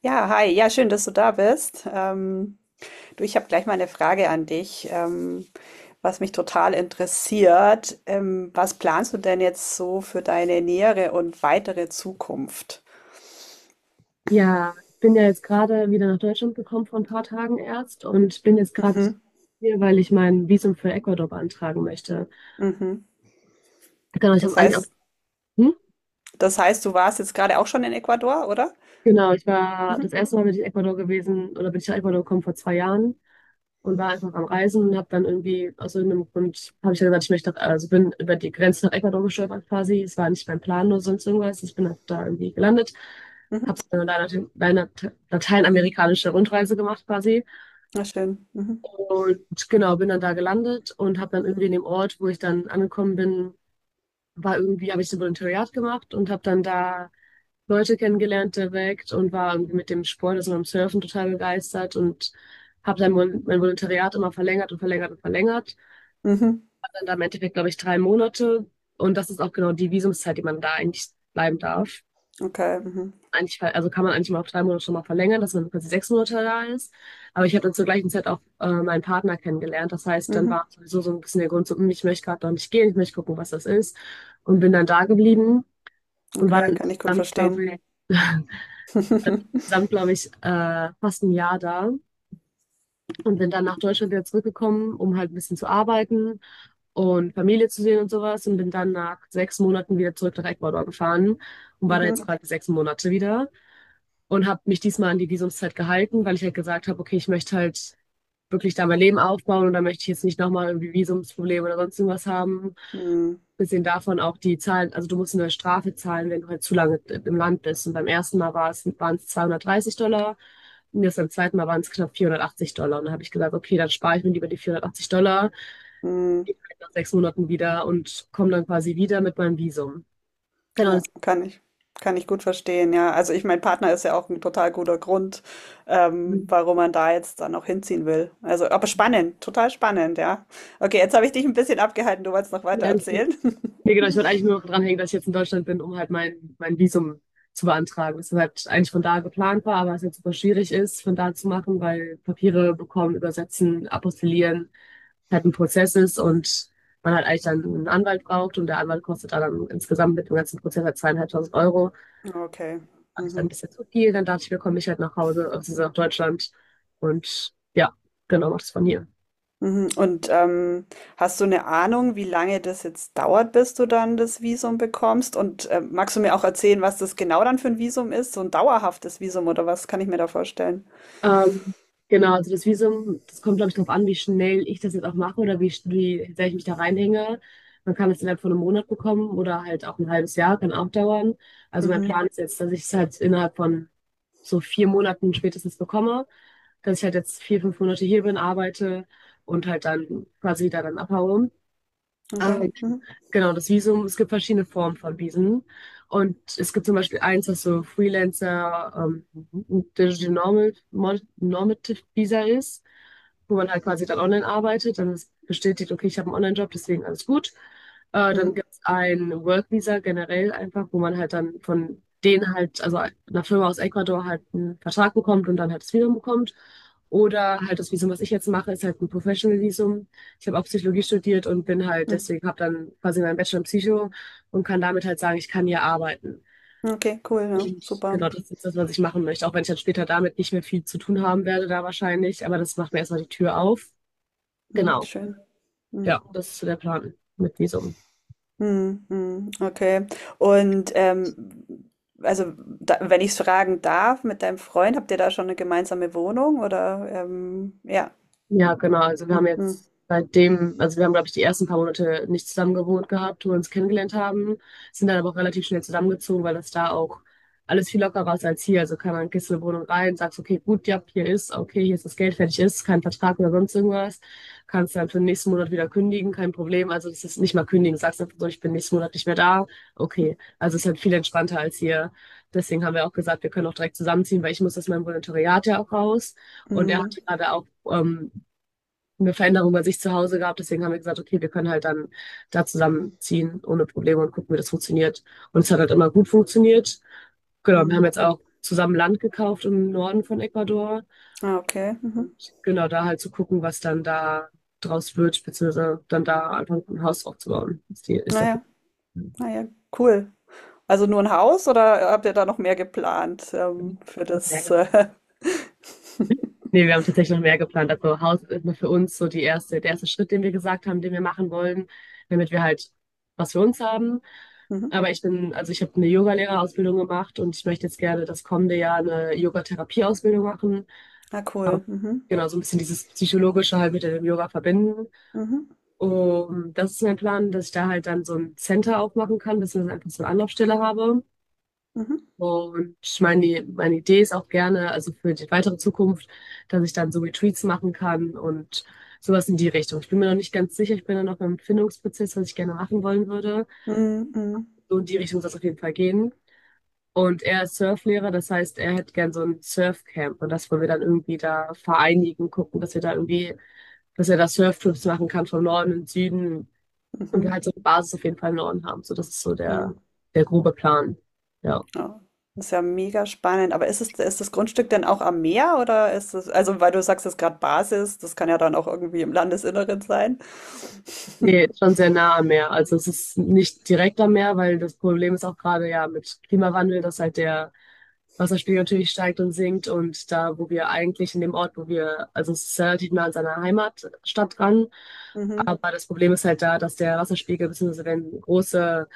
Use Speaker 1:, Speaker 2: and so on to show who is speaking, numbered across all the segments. Speaker 1: Ja, hi. Ja, schön, dass du da bist. Du, ich habe gleich mal eine Frage an dich, was mich total interessiert. Was planst du denn jetzt so für deine nähere und weitere Zukunft?
Speaker 2: Ja, ich bin ja jetzt gerade wieder nach Deutschland gekommen vor ein paar Tagen erst und bin jetzt gerade
Speaker 1: Mhm,
Speaker 2: hier, weil ich mein Visum für Ecuador beantragen möchte.
Speaker 1: mhm.
Speaker 2: Genau, ich
Speaker 1: Das
Speaker 2: habe eigentlich auch,
Speaker 1: heißt,
Speaker 2: hm?
Speaker 1: das heißt, du warst jetzt gerade auch schon in Ecuador, oder?
Speaker 2: Genau, ich war das
Speaker 1: Mhm,
Speaker 2: erste Mal bin ich in Ecuador gewesen oder bin ich nach Ecuador gekommen vor 2 Jahren und war einfach am Reisen und habe dann irgendwie aus irgendeinem Grund habe ich dann gesagt, ich möchte nach, also bin über die Grenze nach Ecuador gestolpert quasi. Es war nicht mein Plan oder sonst irgendwas. Ich bin einfach da irgendwie gelandet,
Speaker 1: mhm.
Speaker 2: habe dann eine Lateinamerikanische Rundreise gemacht quasi.
Speaker 1: Na schön. Mhm,
Speaker 2: Und genau, bin dann da gelandet und habe dann irgendwie in dem Ort, wo ich dann angekommen bin, war irgendwie, habe ich so ein Volontariat gemacht und habe dann da Leute kennengelernt direkt und war irgendwie mit dem Sport, also mit dem Surfen total begeistert und habe dann mein Volontariat immer verlängert und verlängert und verlängert.
Speaker 1: mhm.
Speaker 2: Dann da im Endeffekt, glaube ich, 3 Monate. Und das ist auch genau die Visumszeit, die man da eigentlich bleiben darf
Speaker 1: Okay, mhm,
Speaker 2: eigentlich, also kann man eigentlich mal auf 3 Monate schon mal verlängern, dass man quasi 6 Monate da ist. Aber ich habe dann zur gleichen Zeit auch meinen Partner kennengelernt. Das heißt, dann
Speaker 1: mhm.
Speaker 2: war sowieso so ein bisschen der Grund, so, hm, ich möchte gerade noch nicht gehen, ich möchte gucken, was das ist. Und bin dann da geblieben und war
Speaker 1: Okay,
Speaker 2: dann
Speaker 1: kann ich gut
Speaker 2: insgesamt, glaube
Speaker 1: verstehen.
Speaker 2: ich, fast ein Jahr da. Und bin dann nach Deutschland wieder zurückgekommen, um halt ein bisschen zu arbeiten und Familie zu sehen und sowas. Und bin dann nach 6 Monaten wieder zurück nach Ecuador gefahren und war da jetzt gerade 6 Monate wieder. Und habe mich diesmal an die Visumszeit gehalten, weil ich halt gesagt habe, okay, ich möchte halt wirklich da mein Leben aufbauen und da möchte ich jetzt nicht nochmal irgendwie Visumsprobleme oder sonst irgendwas haben.
Speaker 1: Mhm,
Speaker 2: Bisschen davon auch die Zahlen, also du musst eine Strafe zahlen, wenn du halt zu lange im Land bist. Und beim ersten Mal war es, waren es 230 Dollar und jetzt beim zweiten Mal waren es knapp 480 Dollar. Und dann habe ich gesagt, okay, dann spare ich mir lieber die 480 Dollar,
Speaker 1: mhm.
Speaker 2: die kann ich nach 6 Monaten wieder und komme dann quasi wieder mit meinem Visum. Genau,
Speaker 1: Ja, kann ich. Kann ich gut verstehen, ja. Also ich, mein Partner ist ja auch ein total guter Grund, warum man da jetzt dann auch hinziehen will. Also, aber spannend, total spannend, ja. Okay, jetzt habe ich dich ein bisschen abgehalten, du wolltest noch weiter
Speaker 2: das
Speaker 1: erzählen.
Speaker 2: Ne, genau, ich wollte eigentlich nur dranhängen, dass ich jetzt in Deutschland bin, um halt mein Visum zu beantragen. Das halt eigentlich von da geplant war, aber es jetzt super schwierig ist, von da zu machen, weil Papiere bekommen, übersetzen, apostillieren halt ein Prozess ist und man halt eigentlich dann einen Anwalt braucht und der Anwalt kostet dann, insgesamt mit dem ganzen Prozess halt 2.500 Euro.
Speaker 1: Okay.
Speaker 2: Fand ich dann ein
Speaker 1: Mhm.
Speaker 2: bisschen zu viel, dann dachte ich mir, komm ich halt nach Hause, also nach Deutschland und ja, genau, mach das von hier.
Speaker 1: Mhm. Und hast du eine Ahnung, wie lange das jetzt dauert, bis du dann das Visum bekommst? Und magst du mir auch erzählen, was das genau dann für ein Visum ist? So ein dauerhaftes Visum oder was kann ich mir da vorstellen?
Speaker 2: Ähm, genau, also das Visum, das kommt, glaube ich, darauf an, wie schnell ich das jetzt auch mache oder wie, wie sehr ich mich da reinhänge. Man kann es innerhalb von einem Monat bekommen oder halt auch ein halbes Jahr, kann auch dauern. Also mein
Speaker 1: Mhm.
Speaker 2: Plan ist jetzt, dass ich es halt innerhalb von so 4 Monaten spätestens bekomme, dass ich halt jetzt 4, 5 Monate hier bin, arbeite und halt dann quasi da dann abhaue.
Speaker 1: Okay. Mhm.
Speaker 2: Genau, das Visum, es gibt verschiedene Formen von Visen. Und es gibt zum Beispiel eins, das so Freelancer, Digital Normal, Normative Visa ist, wo man halt quasi dann online arbeitet, dann ist bestätigt, okay, ich habe einen Online-Job, deswegen alles gut. Dann
Speaker 1: Mhm.
Speaker 2: gibt es ein Work Visa generell einfach, wo man halt dann von denen halt, also einer Firma aus Ecuador halt einen Vertrag bekommt und dann halt das Visum bekommt. Oder halt das Visum, was ich jetzt mache, ist halt ein Professional Visum. Ich habe auch Psychologie studiert und bin halt,
Speaker 1: Mhm.
Speaker 2: deswegen habe dann quasi meinen Bachelor in Psycho und kann damit halt sagen, ich kann hier arbeiten.
Speaker 1: Okay, cool, ja,
Speaker 2: Und
Speaker 1: super.
Speaker 2: genau, das ist jetzt das, was ich machen möchte, auch wenn ich dann später damit nicht mehr viel zu tun haben werde, da wahrscheinlich. Aber das macht mir erstmal die Tür auf.
Speaker 1: Mhm,
Speaker 2: Genau,
Speaker 1: schön. Mhm.
Speaker 2: ja, das ist so der Plan mit Visum.
Speaker 1: Mhm, mhm, okay. Und also, da, wenn ich es fragen darf, mit deinem Freund, habt ihr da schon eine gemeinsame Wohnung oder ja.
Speaker 2: Ja, genau. Also wir haben
Speaker 1: Mhm,
Speaker 2: jetzt seitdem, also wir haben, glaube ich, die ersten paar Monate nicht zusammen gewohnt gehabt, wo wir uns kennengelernt haben, sind dann aber auch relativ schnell zusammengezogen, weil das da auch alles viel lockerer ist als hier. Also kann man gehst in eine Wohnung rein, sagst, okay, gut, ja, hier ist, okay, hier ist das Geld, fertig ist, kein Vertrag oder sonst irgendwas. Kannst dann für den nächsten Monat wieder kündigen, kein Problem. Also das ist nicht mal kündigen, sagst einfach so, ich bin nächsten Monat nicht mehr da. Okay. Also es ist halt viel entspannter als hier. Deswegen haben wir auch gesagt, wir können auch direkt zusammenziehen, weil ich muss aus meinem Volontariat ja auch raus. Und er hat
Speaker 1: mhm,
Speaker 2: gerade auch ähm, eine Veränderung bei sich zu Hause gab. Deswegen haben wir gesagt, okay, wir können halt dann da zusammenziehen ohne Probleme und gucken, wie das funktioniert. Und es hat halt immer gut funktioniert. Genau, wir
Speaker 1: mhm.
Speaker 2: haben jetzt auch zusammen Land gekauft im Norden von Ecuador.
Speaker 1: Ah, okay. Mhm.
Speaker 2: Und genau da halt zu gucken, was dann da draus wird, beziehungsweise dann da einfach ein Haus aufzubauen, ist, die, ist der
Speaker 1: Naja, naja, cool. Also nur ein Haus oder habt ihr da noch mehr geplant
Speaker 2: Plan.
Speaker 1: für das?
Speaker 2: Ne, wir haben tatsächlich noch mehr geplant. Also Haus ist nur für uns so die erste, der erste Schritt, den wir gesagt haben, den wir machen wollen, damit wir halt was für uns haben.
Speaker 1: Mhm.
Speaker 2: Aber ich bin, also ich habe eine Yogalehrerausbildung gemacht und ich möchte jetzt gerne das kommende Jahr eine Yogatherapieausbildung machen.
Speaker 1: Ah, cool. Mhm,
Speaker 2: Genau, so ein bisschen dieses Psychologische halt mit dem Yoga verbinden.
Speaker 1: mhm,
Speaker 2: Und das ist mein Plan, dass ich da halt dann so ein Center aufmachen kann, dass ich einfach so eine Anlaufstelle habe.
Speaker 1: mhm,
Speaker 2: Und meine Idee ist auch gerne, also für die weitere Zukunft, dass ich dann so Retreats machen kann und sowas in die Richtung. Ich bin mir noch nicht ganz sicher, ich bin da noch im Findungsprozess, was ich gerne machen wollen würde.
Speaker 1: mhm, mhm,
Speaker 2: So in die Richtung soll es auf jeden Fall gehen. Und er ist Surflehrer, das heißt, er hätte gern so ein Surfcamp und das wollen wir dann irgendwie da vereinigen, gucken, dass wir da irgendwie, dass er da Surftrips machen kann vom Norden und Süden und wir
Speaker 1: mhm,
Speaker 2: halt so eine Basis auf jeden Fall im Norden haben. So, das ist so
Speaker 1: mhm.
Speaker 2: der grobe Plan. Ja.
Speaker 1: Ja, das ist ja mega spannend. Aber ist es, ist das Grundstück denn auch am Meer oder ist es, also weil du sagst, es ist gerade Basis, das kann ja dann auch irgendwie im Landesinneren sein.
Speaker 2: Nee, ist schon sehr nah am Meer. Also es ist nicht direkt am Meer, weil das Problem ist auch gerade ja mit Klimawandel, dass halt der Wasserspiegel natürlich steigt und sinkt. Und da, wo wir eigentlich in dem Ort, wo wir, also es ist relativ nah an seiner Heimatstadt dran.
Speaker 1: Mhm.
Speaker 2: Aber das Problem ist halt da, dass der Wasserspiegel, beziehungsweise wenn große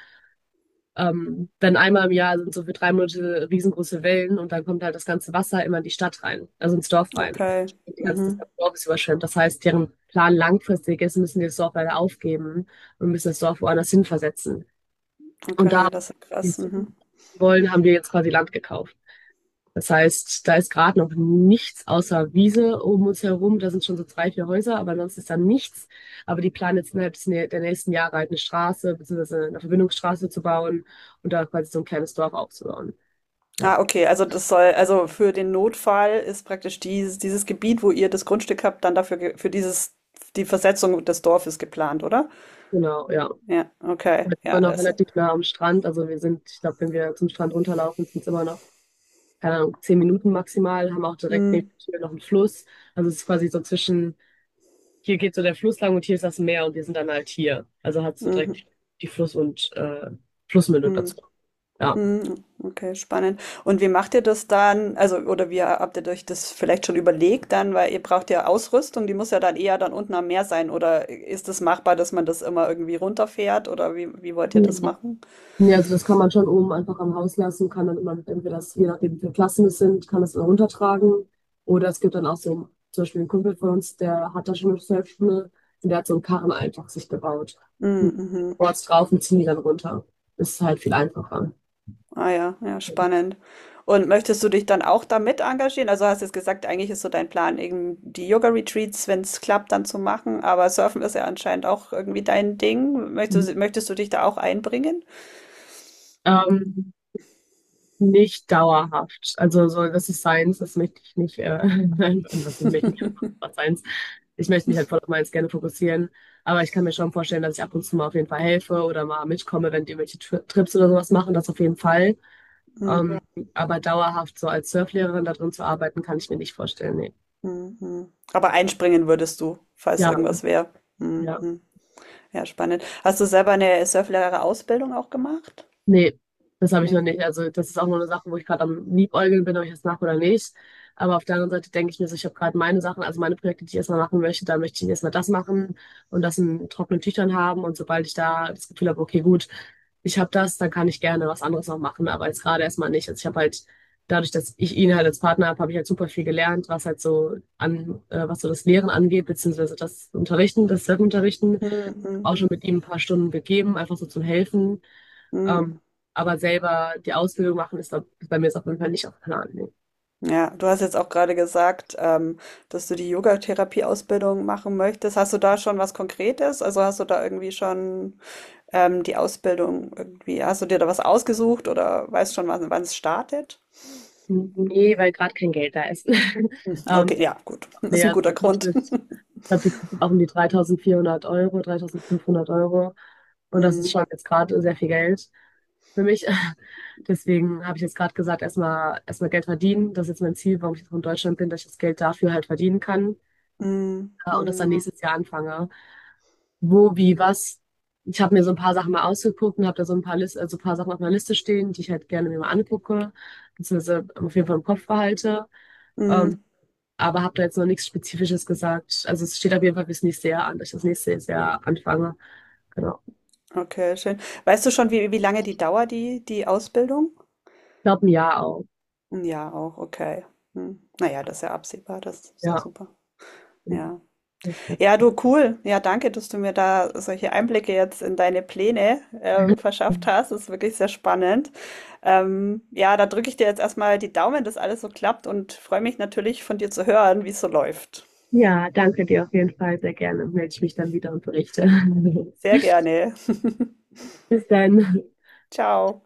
Speaker 2: dann einmal im Jahr sind so für 3 Monate riesengroße Wellen und dann kommt halt das ganze Wasser immer in die Stadt rein, also ins Dorf rein.
Speaker 1: Okay.
Speaker 2: Und die ganze, das
Speaker 1: Mhm.
Speaker 2: ganze Dorf ist überschwemmt. Das heißt, deren Plan langfristig ist, müssen die das Dorf leider aufgeben und müssen das Dorf woanders hin versetzen. Und
Speaker 1: Okay,
Speaker 2: da
Speaker 1: das ist
Speaker 2: die
Speaker 1: krass. Mhm.
Speaker 2: ziehen wollen, haben wir jetzt quasi Land gekauft. Das heißt, da ist gerade noch nichts außer Wiese um uns herum. Da sind schon so 3, 4 Häuser, aber sonst ist da nichts. Aber die planen jetzt innerhalb des der nächsten Jahre halt eine Straße, beziehungsweise eine Verbindungsstraße zu bauen und da quasi so ein kleines Dorf aufzubauen. Ja,
Speaker 1: Ah, okay, also das soll, also für den Notfall ist praktisch dieses, dieses Gebiet, wo ihr das Grundstück habt, dann dafür, ge- für dieses, die Versetzung des Dorfes geplant, oder?
Speaker 2: genau, ja. Und
Speaker 1: Ja, okay,
Speaker 2: das ist
Speaker 1: ja,
Speaker 2: immer noch
Speaker 1: also.
Speaker 2: relativ nah am Strand. Also wir sind, ich glaube, wenn wir zum Strand runterlaufen, sind es immer noch, keine Ahnung, 10 Minuten maximal, haben auch direkt neben
Speaker 1: Mhm.
Speaker 2: der Tür noch einen Fluss. Also es ist quasi so zwischen hier geht so der Fluss lang und hier ist das Meer und wir sind dann halt hier. Also hat so
Speaker 1: Mhm.
Speaker 2: direkt die Fluss- und Flussmündung
Speaker 1: Mhm.
Speaker 2: dazu. Ja.
Speaker 1: Mhm, okay, spannend. Und wie macht ihr das dann? Also, oder wie habt ihr euch das vielleicht schon überlegt dann, weil ihr braucht ja Ausrüstung, die muss ja dann eher dann unten am Meer sein. Oder ist es machbar, dass man das immer irgendwie runterfährt? Oder wie, wie wollt ihr das machen?
Speaker 2: Ja, also das kann man schon oben einfach am Haus lassen, kann dann immer, entweder das, je nachdem wie viele Klassen es sind, kann das dann runtertragen. Oder es gibt dann auch so, zum Beispiel ein Kumpel von uns, der hat da schon eine Surfschule und der hat so einen Karren einfach sich gebaut.
Speaker 1: Mhm,
Speaker 2: Und
Speaker 1: mhm.
Speaker 2: Boards drauf und ziehen die dann runter. Ist halt viel einfacher.
Speaker 1: Ah ja, ja, spannend. Und möchtest du dich dann auch damit engagieren? Also hast jetzt gesagt, eigentlich ist so dein Plan, eben die Yoga-Retreats, wenn es klappt, dann zu machen. Aber Surfen ist ja anscheinend auch irgendwie dein Ding. Möchtest du dich da auch einbringen?
Speaker 2: Ähm, Nicht dauerhaft. Also so, das ist Science, das möchte ich nicht, und was möchte ich nicht, was Science. Ich möchte mich halt voll auf meins gerne fokussieren, aber ich kann mir schon vorstellen, dass ich ab und zu mal auf jeden Fall helfe oder mal mitkomme, wenn die irgendwelche Trips oder sowas machen, das auf jeden Fall. Ähm, aber dauerhaft so als Surflehrerin da drin zu arbeiten, kann ich mir nicht vorstellen, nee.
Speaker 1: Mhm, mhm. Aber einspringen würdest du, falls
Speaker 2: Ja,
Speaker 1: irgendwas wäre. Mhm,
Speaker 2: ja.
Speaker 1: mhm. Ja, spannend. Hast du selber eine Surflehrer-Ausbildung auch gemacht?
Speaker 2: Nee, das habe ich noch
Speaker 1: Nee.
Speaker 2: nicht. Also das ist auch nur eine Sache, wo ich gerade am Liebäugeln bin, ob ich das mache oder nicht. Aber auf der anderen Seite denke ich mir so, ich habe gerade meine Sachen, also meine Projekte, die ich erstmal machen möchte, da möchte ich erstmal das machen und das in trockenen Tüchern haben. Und sobald ich da das Gefühl habe, okay, gut, ich habe das, dann kann ich gerne was anderes noch machen. Aber jetzt gerade erstmal nicht. Also ich habe halt, dadurch, dass ich ihn halt als Partner habe, habe ich halt super viel gelernt, was halt so an, was so das Lehren angeht, beziehungsweise das Unterrichten, das Self-Unterrichten,
Speaker 1: Mhm,
Speaker 2: auch schon mit ihm ein paar Stunden gegeben, einfach so zum Helfen.
Speaker 1: mhm.
Speaker 2: Ähm, aber selber die Ausbildung machen ist bei mir ist auf jeden Fall nicht auf dem Plan. Nee,
Speaker 1: Ja, du hast jetzt auch gerade gesagt, dass du die Yogatherapie-Ausbildung machen möchtest. Hast du da schon was Konkretes? Also hast du da irgendwie schon die Ausbildung irgendwie, hast du dir da was ausgesucht oder weißt schon, wann wann es startet?
Speaker 2: nee, weil gerade kein Geld da ist. ähm,
Speaker 1: Okay, ja, gut. Das
Speaker 2: Nee
Speaker 1: ist ein
Speaker 2: also
Speaker 1: guter
Speaker 2: die Kosten
Speaker 1: Grund.
Speaker 2: ich glaube, die kostet auch um die 3.400 Euro, 3.500 Euro. Und das ist
Speaker 1: Mhm.
Speaker 2: schon jetzt gerade sehr viel Geld für mich. Deswegen habe ich jetzt gerade gesagt, erstmal Geld verdienen. Das ist jetzt mein Ziel, warum ich jetzt auch in Deutschland bin, dass ich das Geld dafür halt verdienen kann.
Speaker 1: Mhm.
Speaker 2: Und das dann
Speaker 1: Mhm.
Speaker 2: nächstes Jahr anfange. Wo, wie, was. Ich habe mir so ein paar Sachen mal ausgeguckt und habe da so ein paar List, also ein paar Sachen auf meiner Liste stehen, die ich halt gerne mir mal angucke, beziehungsweise auf jeden Fall im Kopf behalte. Ähm,
Speaker 1: Mhm.
Speaker 2: aber habe da jetzt noch nichts Spezifisches gesagt. Also es steht auf jeden Fall fürs nächste Jahr an, dass ich das nächste Jahr anfange. Genau.
Speaker 1: Okay, schön. Weißt du schon, wie, wie lange die dauert, die, die Ausbildung?
Speaker 2: Ich glaube ein Jahr auch.
Speaker 1: Ja, auch, okay. Hm. Naja, das ist ja absehbar, das ist ja
Speaker 2: Ja,
Speaker 1: super.
Speaker 2: genau.
Speaker 1: Ja.
Speaker 2: Das ist der
Speaker 1: Ja, du, cool. Ja, danke, dass du mir da solche Einblicke jetzt in deine Pläne verschafft
Speaker 2: Plan.
Speaker 1: hast. Das ist wirklich sehr spannend. Ja, da drücke ich dir jetzt erstmal die Daumen, dass alles so klappt und freue mich natürlich von dir zu hören, wie es so läuft.
Speaker 2: Ja, danke dir auf jeden Fall sehr gerne. Melde ich mich dann wieder und berichte.
Speaker 1: Sehr gerne.
Speaker 2: Bis dann.
Speaker 1: Ciao.